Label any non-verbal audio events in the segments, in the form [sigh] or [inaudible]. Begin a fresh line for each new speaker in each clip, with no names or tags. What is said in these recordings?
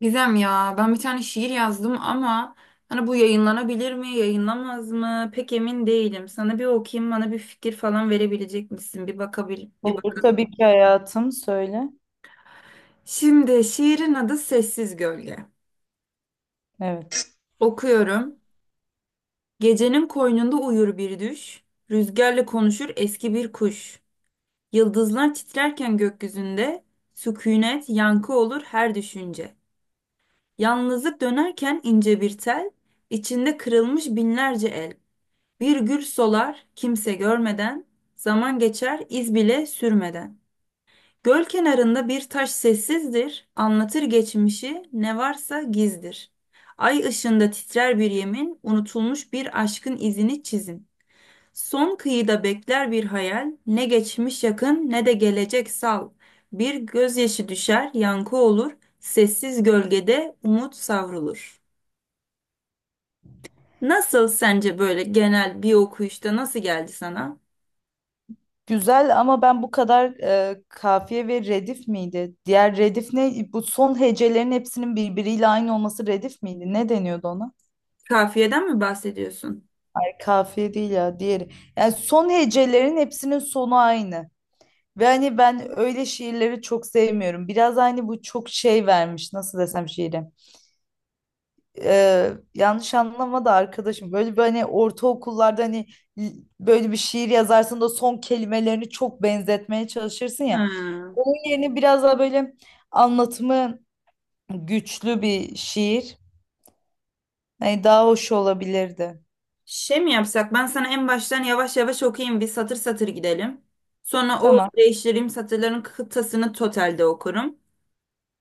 Gizem ya ben bir tane şiir yazdım ama hani bu yayınlanabilir mi yayınlamaz mı pek emin değilim. Sana bir okuyayım, bana bir fikir falan verebilecek misin? Bir bakabil bir
Olur
bakalım.
tabii ki hayatım söyle.
Şimdi şiirin adı Sessiz Gölge.
Evet.
Okuyorum. Gecenin koynunda uyur bir düş, rüzgarla konuşur eski bir kuş. Yıldızlar titrerken gökyüzünde, sükunet yankı olur her düşünce. Yalnızlık dönerken ince bir tel, içinde kırılmış binlerce el. Bir gül solar kimse görmeden, zaman geçer iz bile sürmeden. Göl kenarında bir taş sessizdir, anlatır geçmişi, ne varsa gizdir. Ay ışığında titrer bir yemin, unutulmuş bir aşkın izini çizin. Son kıyıda bekler bir hayal, ne geçmiş yakın ne de gelecek sal. Bir gözyaşı düşer, yankı olur, sessiz gölgede umut savrulur. Nasıl sence, böyle genel bir okuyuşta nasıl geldi sana?
Güzel ama ben bu kadar kafiye ve redif miydi? Diğer redif ne? Bu son hecelerin hepsinin birbiriyle aynı olması redif miydi? Ne deniyordu ona?
Kafiyeden mi bahsediyorsun?
Hayır, kafiye değil ya diğeri. Yani son hecelerin hepsinin sonu aynı. Ve hani ben öyle şiirleri çok sevmiyorum. Biraz hani bu çok şey vermiş nasıl desem şiire. Yanlış anlama da arkadaşım böyle bir hani ortaokullarda hani l- böyle bir şiir yazarsın da son kelimelerini çok benzetmeye çalışırsın ya.
Ha.
Onun yerine biraz daha böyle anlatımı güçlü bir şiir. Hani daha hoş olabilirdi.
Şey mi yapsak? Ben sana en baştan yavaş yavaş okuyayım. Bir satır satır gidelim. Sonra o
Tamam,
değiştireyim, satırların kıtasını totalde okurum.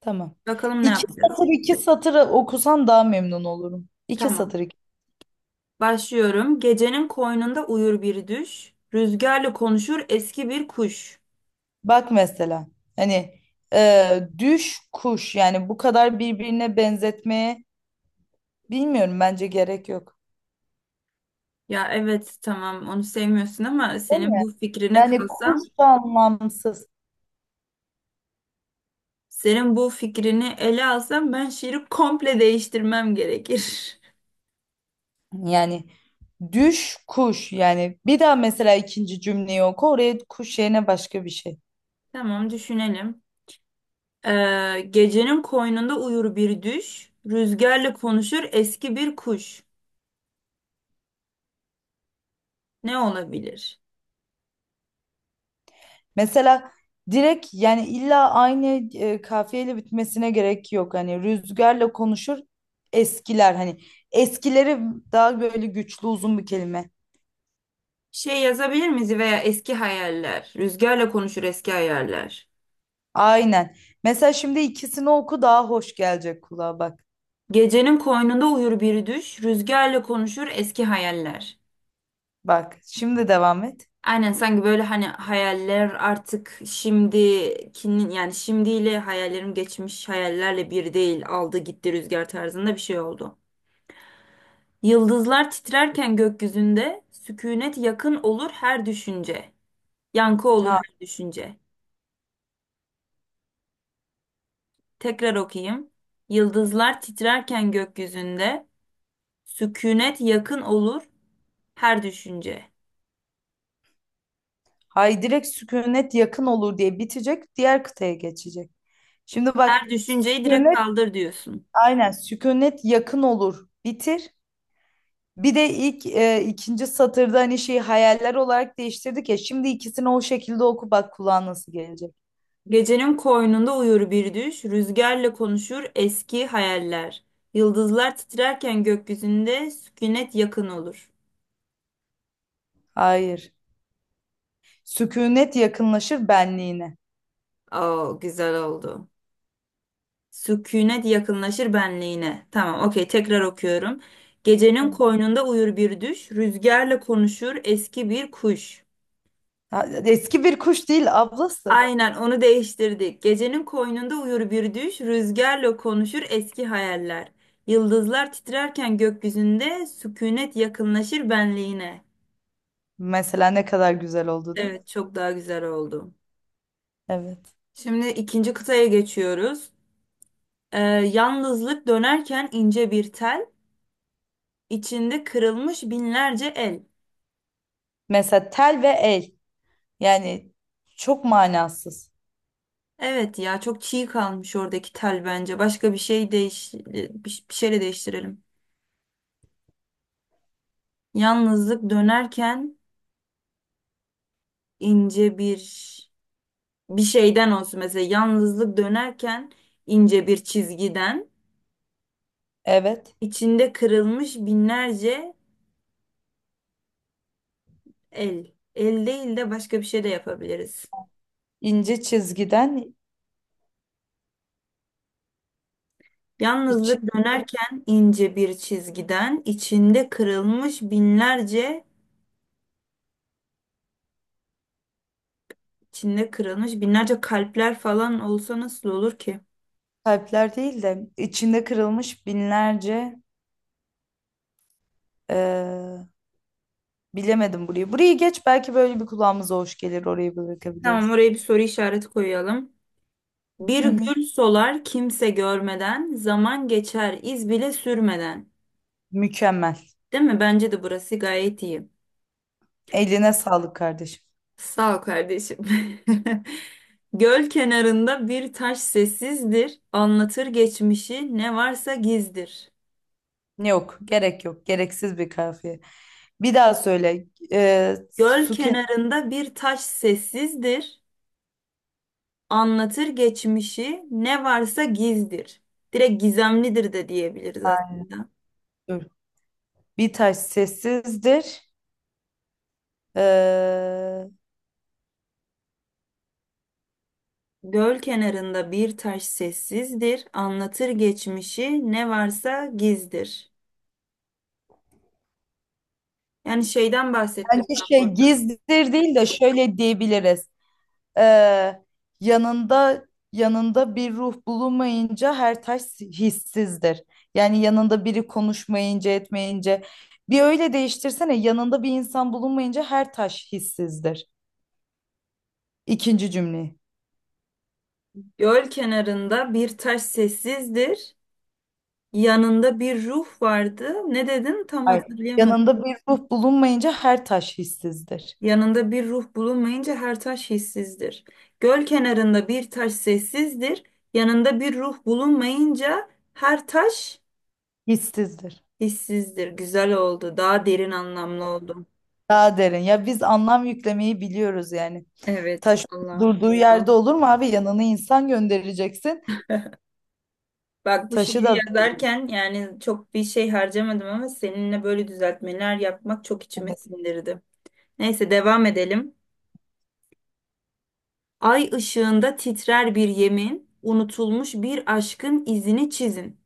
tamam.
Bakalım ne
İki
yapacağız.
satır iki satır okusan daha memnun olurum. İki
Tamam.
satır iki.
Başlıyorum. Gecenin koynunda uyur bir düş. Rüzgarla konuşur eski bir kuş.
Bak mesela hani düş kuş, yani bu kadar birbirine benzetmeye bilmiyorum bence gerek yok.
Ya evet tamam, onu sevmiyorsun ama
Değil
senin
mi?
bu fikrine
Yani kuş
kalsam,
da anlamsız.
senin bu fikrini ele alsam ben şiiri komple değiştirmem gerekir.
Yani düş kuş, yani bir daha mesela ikinci cümleyi oku, oraya kuş yerine başka bir şey.
[laughs] Tamam, düşünelim. Gecenin koynunda uyur bir düş, rüzgarla konuşur eski bir kuş. Ne olabilir?
Mesela direkt yani illa aynı kafiyeyle bitmesine gerek yok. Hani rüzgarla konuşur eskiler, hani eskileri, daha böyle güçlü uzun bir kelime.
Şey yazabilir miyiz, veya eski hayaller. Rüzgarla konuşur eski hayaller.
Aynen. Mesela şimdi ikisini oku, daha hoş gelecek kulağa, bak.
Gecenin koynunda uyur bir düş, rüzgarla konuşur eski hayaller.
Bak şimdi devam et.
Aynen, sanki böyle hani hayaller artık şimdikinin, yani şimdiyle hayallerim geçmiş hayallerle bir değil, aldı gitti rüzgar tarzında bir şey oldu. Yıldızlar titrerken gökyüzünde, sükunet yakın olur her düşünce. Yankı olur
Ha,
her düşünce. Tekrar okuyayım. Yıldızlar titrerken gökyüzünde, sükunet yakın olur her düşünce.
hay direkt sükunet yakın olur diye bitecek, diğer kıtaya geçecek. Şimdi bak
Her düşünceyi direkt
sükunet,
kaldır diyorsun.
aynen sükunet yakın olur, bitir. Bir de ilk ikinci satırda hani şeyi hayaller olarak değiştirdik ya. Şimdi ikisini o şekilde oku, bak kulağa nasıl gelecek.
Gecenin koynunda uyur bir düş, rüzgarla konuşur eski hayaller. Yıldızlar titrerken gökyüzünde, sükunet yakın olur.
Hayır. Sükunet yakınlaşır benliğine.
Oo, güzel oldu. Sükunet yakınlaşır benliğine. Tamam, okey, tekrar okuyorum. Gecenin
Hı.
koynunda uyur bir düş, rüzgarla konuşur eski bir kuş.
Ha, eski bir kuş değil ablası.
Aynen, onu değiştirdik. Gecenin koynunda uyur bir düş, rüzgarla konuşur eski hayaller. Yıldızlar titrerken gökyüzünde sükunet yakınlaşır benliğine.
Mesela ne kadar güzel oldu, değil mi?
Evet, çok daha güzel oldu.
Evet.
Şimdi ikinci kıtaya geçiyoruz. Yalnızlık dönerken ince bir tel, içinde kırılmış binlerce el.
Mesela tel ve el. Yani çok manasız.
Evet ya, çok çiğ kalmış oradaki tel bence. Başka bir şey bir şeyle değiştirelim. Yalnızlık dönerken ince bir bir şeyden olsun mesela. Yalnızlık dönerken ince bir çizgiden,
Evet.
içinde kırılmış binlerce el. El değil de başka bir şey de yapabiliriz.
İnce çizgiden içi
Yalnızlık dönerken ince bir çizgiden, içinde kırılmış binlerce kalpler falan olsa nasıl olur ki?
kalpler değil de içinde kırılmış binlerce eee, bilemedim burayı. Burayı geç, belki böyle bir kulağımıza hoş gelir, orayı
Tamam,
bırakabiliriz.
oraya bir soru işareti koyalım. Bir
Hı hı.
gül solar kimse görmeden, zaman geçer iz bile sürmeden.
Mükemmel.
Değil mi? Bence de burası gayet iyi.
Eline sağlık kardeşim.
Sağ ol kardeşim. [laughs] Göl kenarında bir taş sessizdir, anlatır geçmişi ne varsa gizdir.
Yok, gerek yok. Gereksiz bir kafiye. Bir daha söyle.
Göl
Su
kenarında bir taş sessizdir, anlatır geçmişi ne varsa gizdir. Direkt gizemlidir de diyebiliriz aslında.
kenarı. Bir taş sessizdir. Eee
Göl kenarında bir taş sessizdir, anlatır geçmişi, ne varsa gizdir. Yani şeyden bahsettim
Bence
ben
şey
burada.
gizlidir değil de şöyle diyebiliriz. Ee, Yanında yanında bir ruh bulunmayınca her taş hissizdir. Yani yanında biri konuşmayınca etmeyince bir öyle değiştirsene, yanında bir insan bulunmayınca her taş hissizdir. İkinci cümleyi.
Göl kenarında bir taş sessizdir, yanında bir ruh vardı. Ne dedin? Tam
Hayır.
hatırlayamadım.
Yanında bir ruh bulunmayınca her taş hissizdir.
Yanında bir ruh bulunmayınca her taş hissizdir. Göl kenarında bir taş sessizdir, yanında bir ruh bulunmayınca her taş
Hissizdir.
hissizdir. Güzel oldu, daha derin anlamlı oldu.
Daha derin. Ya biz anlam yüklemeyi biliyoruz yani.
Evet,
Taş
vallahi.
durduğu yerde olur mu abi? Yanına insan göndereceksin.
Bak, bu
Taşı
şiiri
da
yazarken yani çok bir şey harcamadım ama seninle böyle düzeltmeler yapmak çok içime sindirdi. Neyse, devam edelim. Ay ışığında titrer bir yemin, unutulmuş bir aşkın izini çizin.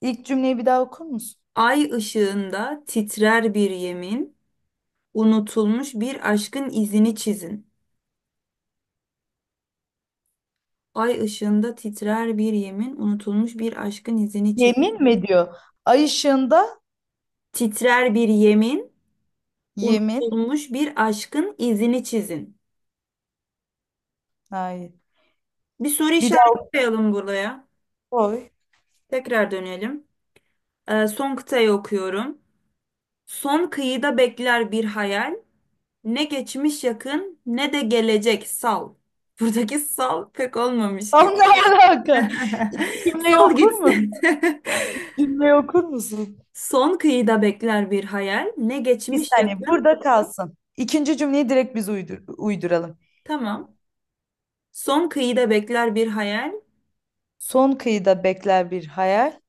ilk cümleyi bir daha okur musun?
Ay ışığında titrer bir yemin, unutulmuş bir aşkın izini çizin. Ay ışığında titrer bir yemin, unutulmuş bir aşkın izini çizin.
Yemin mi diyor? Ay ışığında
Titrer bir yemin,
yemin.
unutulmuş bir aşkın izini çizin.
Hayır.
Bir soru
Bir
işareti
daha
koyalım buraya.
oy.
Tekrar dönelim. Son kıtayı okuyorum. Son kıyıda bekler bir hayal. Ne geçmiş yakın ne de gelecek sal. [laughs] Buradaki sal pek olmamış
Tam
gibi.
ne alaka?
[laughs]
İlk cümleyi
Sal
okur musun?
gitsin.
Cümleyi okur musun?
[laughs] Son kıyıda bekler bir hayal. Ne
Bir
geçmiş
saniye
yakın.
burada kalsın. İkinci cümleyi direkt biz uydur uyduralım.
Tamam. Son kıyıda bekler bir hayal.
Son kıyıda bekler bir hayal.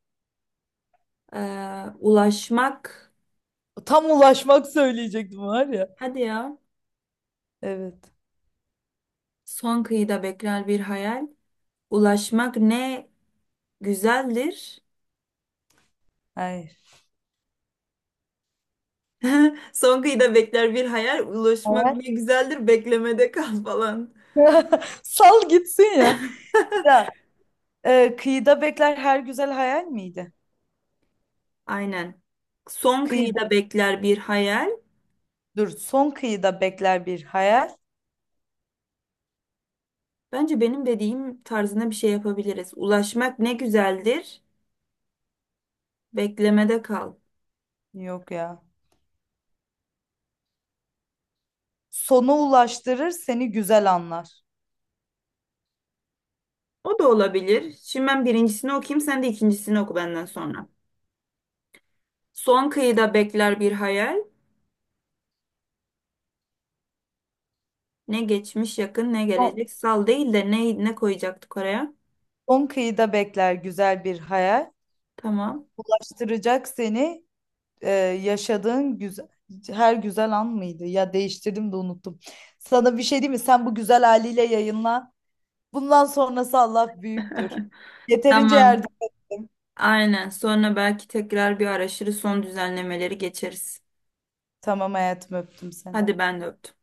Ulaşmak.
Tam ulaşmak söyleyecektim var ya.
Hadi ya.
Evet.
Son kıyıda bekler bir hayal. Ulaşmak ne güzeldir.
Hayır.
Son kıyıda bekler bir hayal. Ulaşmak
Hayal.
ne güzeldir. Beklemede kal falan.
[laughs] Sal gitsin ya. Ya daha. Kıyıda bekler her güzel hayal miydi?
Aynen. Son
Kıyı,
kıyıda bekler bir hayal.
dur, son kıyıda bekler bir hayal.
Bence benim dediğim tarzına bir şey yapabiliriz. Ulaşmak ne güzeldir. Beklemede kal.
Yok ya. Sona ulaştırır seni güzel anlar.
O da olabilir. Şimdi ben birincisini okuyayım. Sen de ikincisini oku benden sonra. Son kıyıda bekler bir hayal. Ne geçmiş yakın ne
Son,
gelecek. Sal değil de ne, ne koyacaktık oraya?
son kıyıda bekler güzel bir hayal.
Tamam.
Ulaştıracak seni e, yaşadığın güzel, her güzel an mıydı? Ya değiştirdim de unuttum. Sana bir şey diyeyim mi? Sen bu güzel haliyle yayınla. Bundan sonrası Allah büyüktür.
[laughs]
Yeterince yardım
Tamam.
ettim.
Aynen. Sonra belki tekrar bir araştırır, son düzenlemeleri geçeriz.
Tamam hayatım, öptüm seni.
Hadi ben de öptüm.